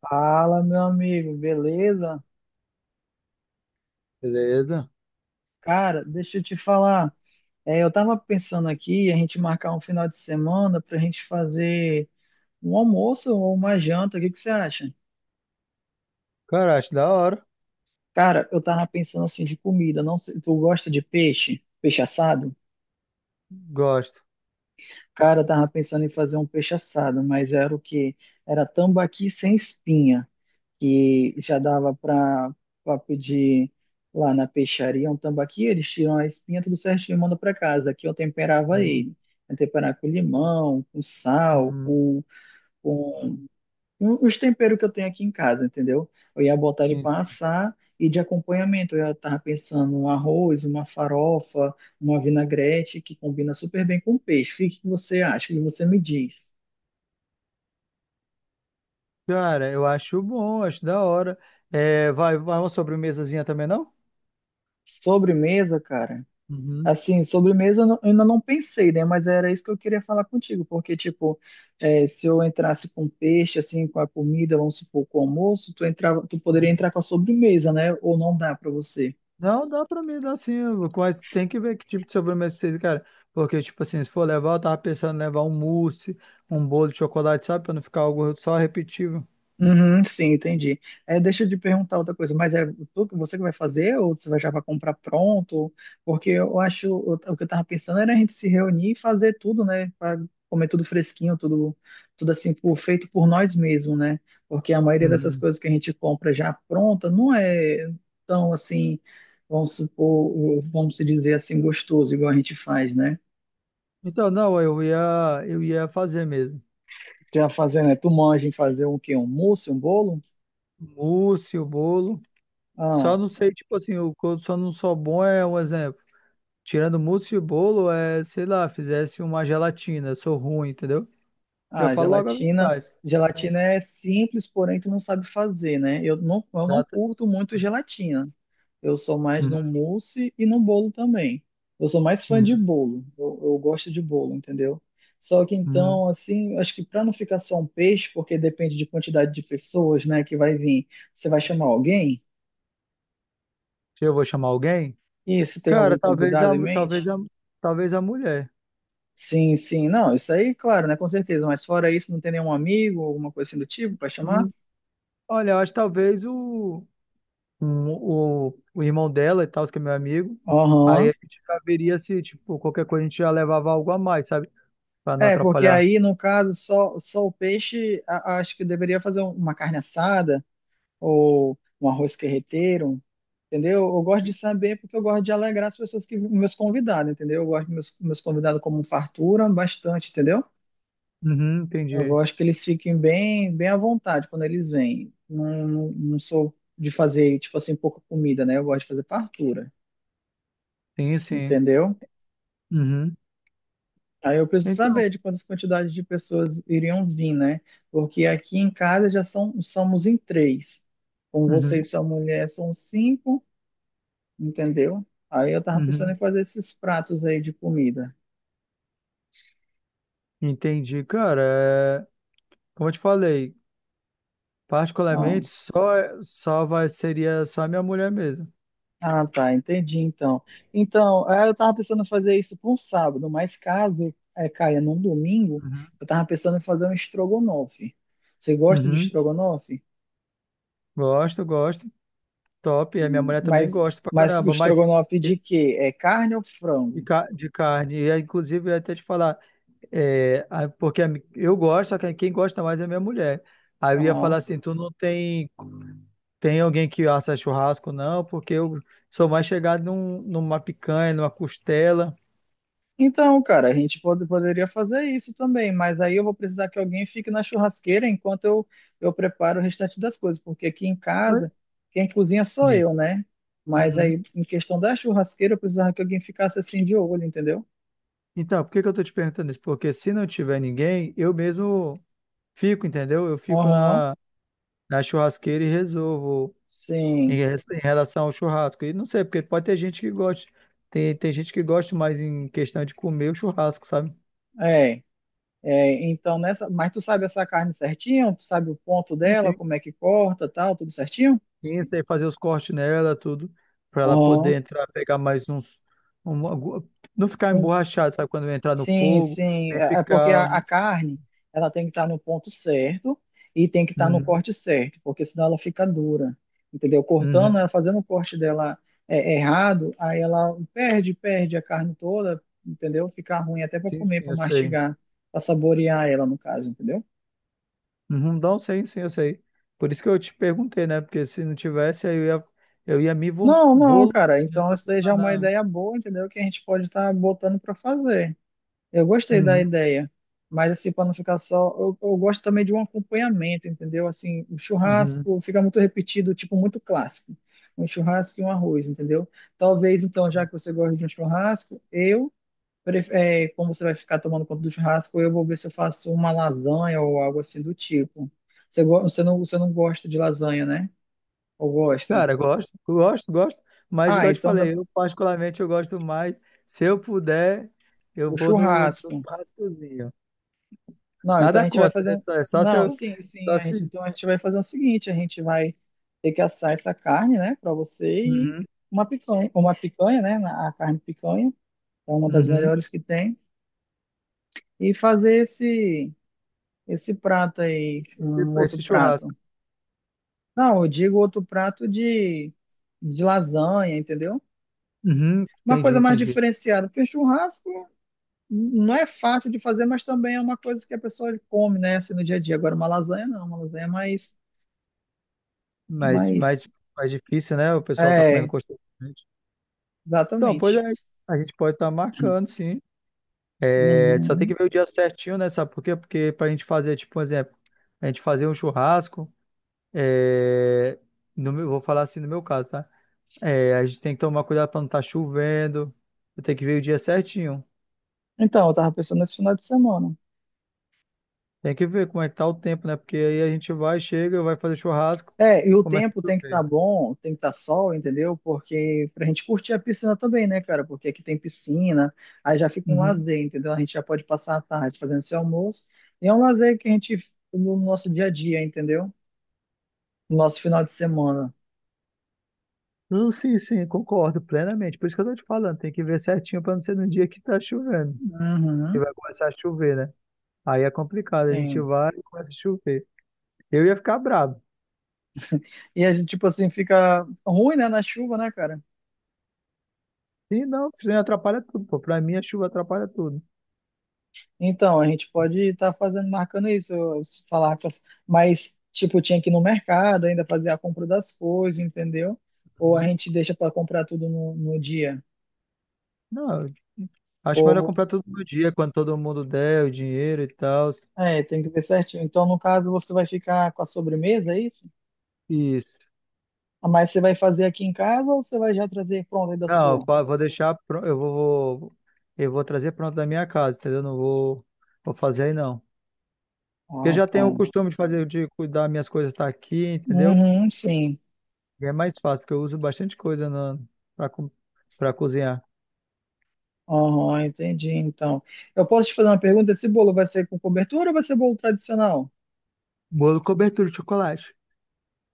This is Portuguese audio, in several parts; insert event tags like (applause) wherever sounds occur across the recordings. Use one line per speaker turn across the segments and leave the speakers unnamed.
Fala, meu amigo, beleza?
Beleza.
Cara, deixa eu te falar. É, eu tava pensando aqui a gente marcar um final de semana pra gente fazer um almoço ou uma janta. O que que você acha?
Cara, acho da hora.
Cara, eu tava pensando assim de comida. Não sei, tu gosta de peixe? Peixe assado?
Gosto.
Cara, eu tava pensando em fazer um peixe assado, mas era o quê? Era tambaqui sem espinha, que já dava para pedir lá na peixaria um tambaqui, eles tiram a espinha tudo certinho e mandam para casa. Aqui eu temperava
Uhum,
ele. Eu temperava com limão, com sal,
uhum.
com, com os temperos que eu tenho aqui em casa, entendeu? Eu ia botar ele
Sim,
para
sim.
assar e de acompanhamento. Eu estava pensando um arroz, uma farofa, uma vinagrete que combina super bem com peixe. O que que você acha? O que você me diz?
Cara, eu acho bom, acho da hora. É, vai, vai uma sobremesazinha também, não?
Sobremesa, cara.
Uhum,
Assim, sobremesa eu ainda não pensei, né? Mas era isso que eu queria falar contigo, porque, tipo, é, se eu entrasse com peixe, assim, com a comida, vamos supor, com o almoço, tu entrava, tu poderia
uhum.
entrar com a sobremesa, né? Ou não dá pra você?
Não, dá pra mim, dá sim. Mas tem que ver que tipo de sobremesa você tem, cara. Porque, tipo assim, se for levar, eu tava pensando em levar um mousse, um bolo de chocolate, sabe? Pra não ficar algo só repetível.
Uhum, sim, entendi. É, deixa eu te perguntar outra coisa, mas é você que vai fazer ou você vai já vai comprar pronto? Porque eu acho, o que eu tava pensando era a gente se reunir e fazer tudo, né? Pra comer tudo fresquinho, tudo, tudo assim, por, feito por nós mesmos, né? Porque a maioria dessas
Uhum.
coisas que a gente compra já pronta não é tão assim, vamos supor, vamos se dizer assim, gostoso, igual a gente faz, né?
Então, não, eu ia fazer mesmo.
Já fazendo, né? Tu manja em fazer um quê? Um mousse, um bolo?
Mousse, o bolo.
Ah.
Só não sei, tipo assim, o que eu só não sou bom é um exemplo. Tirando mousse e bolo, sei lá, fizesse uma gelatina. Eu sou ruim, entendeu? Já
Ah,
falo logo a
gelatina.
verdade.
Gelatina é simples, porém tu não sabe fazer, né? Eu não
Exata.
curto muito gelatina. Eu sou mais no
Uhum,
mousse e no bolo também. Eu sou mais fã de
uhum,
bolo. Eu gosto de bolo, entendeu? Só que
uhum.
então, assim, acho que para não ficar só um peixe, porque depende de quantidade de pessoas, né, que vai vir. Você vai chamar alguém?
Se eu vou chamar alguém?
E se tem algum
Cara, talvez
convidado
a,
em
talvez
mente?
a, talvez a mulher.
Sim, sim. Não, isso aí, claro, né, com certeza. Mas fora isso, não tem nenhum amigo, alguma coisa assim do tipo para chamar?
Hum, Olha, eu acho que talvez o irmão dela e tal, que é meu amigo. Aí a
Aham.
gente já veria se, tipo, qualquer coisa a gente já levava algo a mais, sabe? Pra não
É, porque
atrapalhar.
aí, no caso, só, só o peixe, acho que deveria fazer uma carne assada ou um arroz carreteiro, entendeu? Eu gosto de saber porque eu gosto de alegrar as pessoas que meus convidados, entendeu? Eu gosto de meus convidados como um fartura bastante, entendeu?
Uhum,
Eu
entendi.
gosto que eles fiquem bem, bem à vontade quando eles vêm. Não sou de fazer, tipo assim, pouca comida, né? Eu gosto de fazer fartura,
Sim, sim.
entendeu?
Uhum.
Aí eu preciso
Então.
saber de quantas quantidades de pessoas iriam vir, né? Porque aqui em casa já são, somos em três. Com você e
Uhum,
sua mulher são cinco, entendeu? Aí eu tava pensando
uhum.
em fazer esses pratos aí de comida.
Entendi, cara. Como eu te falei,
Ah,
particularmente, seria só a minha mulher mesmo.
ah, tá, entendi então. Então, é, eu tava pensando em fazer isso para um sábado, mas caso é, caia num domingo,
Uhum.
eu tava pensando em fazer um estrogonofe. Você gosta de
Uhum.
estrogonofe?
Gosto, gosto. Top. E a minha
Hum,
mulher também
Mas,
gosta pra
mas
caramba, mas
estrogonofe de quê? É carne ou frango?
de carne. E, aí, inclusive, eu ia até te falar, eu gosto, só que quem gosta mais é a minha mulher. Aí eu ia
Aham.
falar assim, tu não tem, tem alguém que assa churrasco, não, porque eu sou mais chegado numa picanha, numa costela.
Então, cara, poderia fazer isso também, mas aí eu vou precisar que alguém fique na churrasqueira enquanto eu preparo o restante das coisas, porque aqui em
Mas-
casa, quem cozinha sou
hum.
eu, né? Mas
Uhum.
aí, em questão da churrasqueira, eu precisava que alguém ficasse assim de olho, entendeu?
Então, por que que eu tô te perguntando isso? Porque se não tiver ninguém, eu mesmo fico, entendeu? Eu fico
Aham,
na churrasqueira e resolvo
sim.
em relação ao churrasco. E não sei, porque pode ter gente que goste. Tem gente que gosta mais em questão de comer o churrasco, sabe?
É, então nessa. Mas tu sabe essa carne certinho? Tu sabe o ponto
Isso,
dela,
hein?
como é que corta, tal, tudo certinho?
Isso aí, fazer os cortes nela, tudo, pra ela poder
Aham.
entrar, pegar mais uns. um- algu- não ficar
Um,
emborrachado, sabe? Quando entrar no
sim,
fogo,
sim.
nem
É, é porque
ficar.
a carne, ela tem que estar no ponto certo e tem que estar no
Uhum,
corte certo, porque senão ela fica dura, entendeu? Cortando, ela
uhum.
fazendo o corte dela é, errado, aí ela perde a carne toda, entendeu? Fica ruim até para
Sim,
comer,
sim,
para
eu sei.
mastigar, para saborear ela, no caso, entendeu?
Uhum, não, sei, sim, eu sei. Por isso que eu te perguntei, né? Porque se não tivesse, aí eu ia me
Não, não,
voluntar
cara. Então,
para
essa daí já
ficar
é uma
na.
ideia boa, entendeu? Que a gente pode estar botando para fazer. Eu gostei da
Uhum,
ideia, mas assim, para não ficar só, eu gosto também de um acompanhamento, entendeu? Assim, o
uhum.
churrasco fica muito repetido, tipo, muito clássico. Um churrasco e um arroz, entendeu? Talvez, então, já que você gosta de um churrasco, como você vai ficar tomando conta do churrasco, eu vou ver se eu faço uma lasanha ou algo assim do tipo. Você não gosta de lasanha, né? Ou gosta?
Cara, gosto, gosto, gosto. Mas,
Ah,
igual eu te
então dá,
falei, eu particularmente eu gosto mais. Se eu puder, eu
o
vou no
churrasco.
churrascozinho.
Não, então a
Nada
gente vai
contra,
fazer
né?
um.
Só, é só se
Não,
eu.
sim, sim.
Só
A gente...
se,
Então a gente vai fazer o seguinte: a gente vai ter que assar essa carne, né, para você e
uhum,
uma picanha, a carne picanha, é uma das
uhum.
melhores que tem, e fazer esse prato aí, um outro
Esse churrasco.
prato. Não, eu digo outro prato de lasanha, entendeu?
Uhum,
Uma
entendi,
coisa mais
entendi.
diferenciada, porque churrasco não é fácil de fazer, mas também é uma coisa que a pessoa come, né, assim, no dia a dia. Agora, uma lasanha não, uma lasanha é mais.
Mas
Mais
mais, mais difícil, né? O pessoal tá comendo
é,
constantemente. Então, pois é,
exatamente.
a gente pode estar marcando, sim. É, só tem
Uhum.
que ver o dia certinho, né? Sabe por quê? Porque pra gente fazer, tipo, um exemplo, a gente fazer um churrasco, é, no meu- vou falar assim no meu caso, tá? É, a gente tem que tomar cuidado pra não estar chovendo, tem que ver o dia certinho.
Então, eu tava pensando nesse final de semana.
Tem que ver como é que tá o tempo, né? Porque aí a gente vai, chega, vai fazer churrasco,
É, e o
começa a
tempo tem que estar
chover.
bom, tem que estar sol, entendeu? Porque pra gente curtir a piscina também, né, cara? Porque aqui tem piscina, aí já fica um
Uhum.
lazer, entendeu? A gente já pode passar a tarde fazendo seu almoço. E é um lazer que a gente, no nosso dia a dia, entendeu? No nosso final de semana.
Não, sim, sim, concordo plenamente. Por isso que eu tô te falando, tem que ver certinho pra não ser no dia que tá chovendo. Que
Uhum,
vai começar a chover, né? Aí é complicado, a gente
sim.
vai e começa a chover. Eu ia ficar bravo.
E a gente, tipo assim, fica ruim, né, na chuva, né, cara?
E não, treino atrapalha tudo, pô. Pra mim a chuva atrapalha tudo.
Então, a gente pode estar fazendo, marcando isso, eu- se falar com as- mas tipo, tinha que ir no mercado ainda fazer a compra das coisas, entendeu? Ou a
Uhum.
gente deixa para comprar tudo no, no dia.
Não, eu acho melhor
Ou
comprar tudo no dia, quando todo mundo der o dinheiro e tal.
é, tem que ver certinho. Então, no caso, você vai ficar com a sobremesa, é isso?
Isso.
Ah, mas você vai fazer aqui em casa ou você vai já trazer pronto aí da
Não, eu
sua?
fa- vou deixar, pro- eu vou trazer pronto da minha casa, entendeu? Não vou, Vou fazer aí não. Porque eu
Ah,
já
tá.
tenho o costume de fazer, de cuidar minhas coisas estar aqui, entendeu?
Uhum, sim.
E é mais fácil, porque eu uso bastante coisa pra, co- pra cozinhar.
Aham, entendi. Então, eu posso te fazer uma pergunta? Esse bolo vai ser com cobertura ou vai ser bolo tradicional?
Bolo, cobertura de chocolate.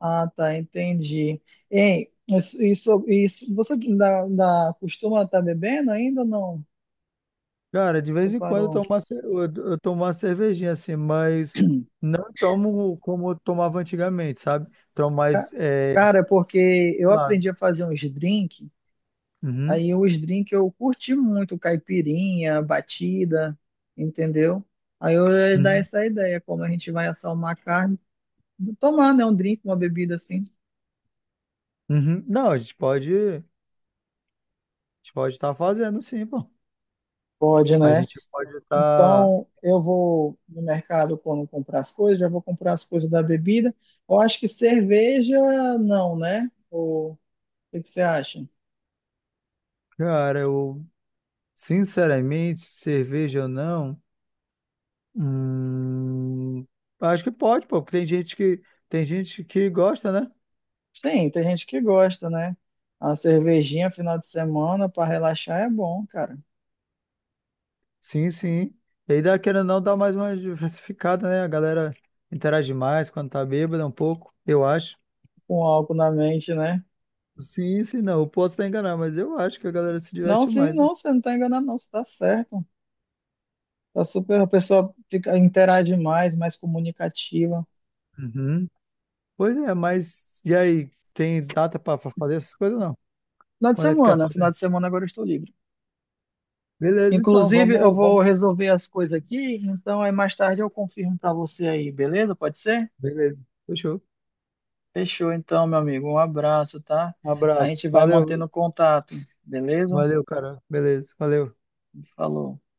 Ah, tá, entendi. Ei, costuma estar bebendo ainda ou não?
Cara, de
Você
vez em quando
parou?
eu tomo uma cervejinha assim, mas
(clears throat)
não tomo como eu tomava antigamente, sabe? Tomo mais
Ca-
é,
Cara, é porque eu
lá.
aprendi a fazer uns drink,
Uhum,
aí os drink eu curti muito, caipirinha, batida, entendeu? Aí eu ia dar
uhum,
essa ideia, como a gente vai assar uma carne, tomar, né, um drink, uma bebida assim.
uhum. Não, a gente pode estar fazendo sim, pô.
Pode,
A
né?
gente pode estar,
Então, eu vou no mercado quando comprar as coisas, já vou comprar as coisas da bebida. Eu acho que cerveja não, né? Ou, o que que você acha?
cara, eu sinceramente, cerveja ou não, hum, acho que pode, pô, porque tem gente que gosta, né?
Tem, tem gente que gosta, né? A cervejinha final de semana para relaxar é bom, cara.
Sim, sim. E aí, dá, querendo ou não, dá mais uma diversificada, né? A galera interage mais quando tá bêbada um pouco, eu acho.
Com álcool na mente, né?
Sim, sim, não. Eu posso estar enganado, mas eu acho que a galera se
Não,
diverte
sim,
mais.
não, você não tá enganado, não, você tá certo. Tá super, a pessoa fica, interage mais, mais comunicativa.
Uhum. Pois é, mas e aí, tem data para fazer essas coisas ou não? Quando é que quer
Final
fazer?
de semana agora eu estou livre.
Beleza, então,
Inclusive, eu
vamos,
vou
vamos.
resolver as coisas aqui, então aí mais tarde eu confirmo para você aí, beleza? Pode ser?
Beleza. Fechou.
Fechou então, meu amigo. Um abraço, tá?
Um
A
abraço.
gente vai
Valeu.
mantendo contato, beleza?
Valeu, cara. Beleza. Valeu.
Falou.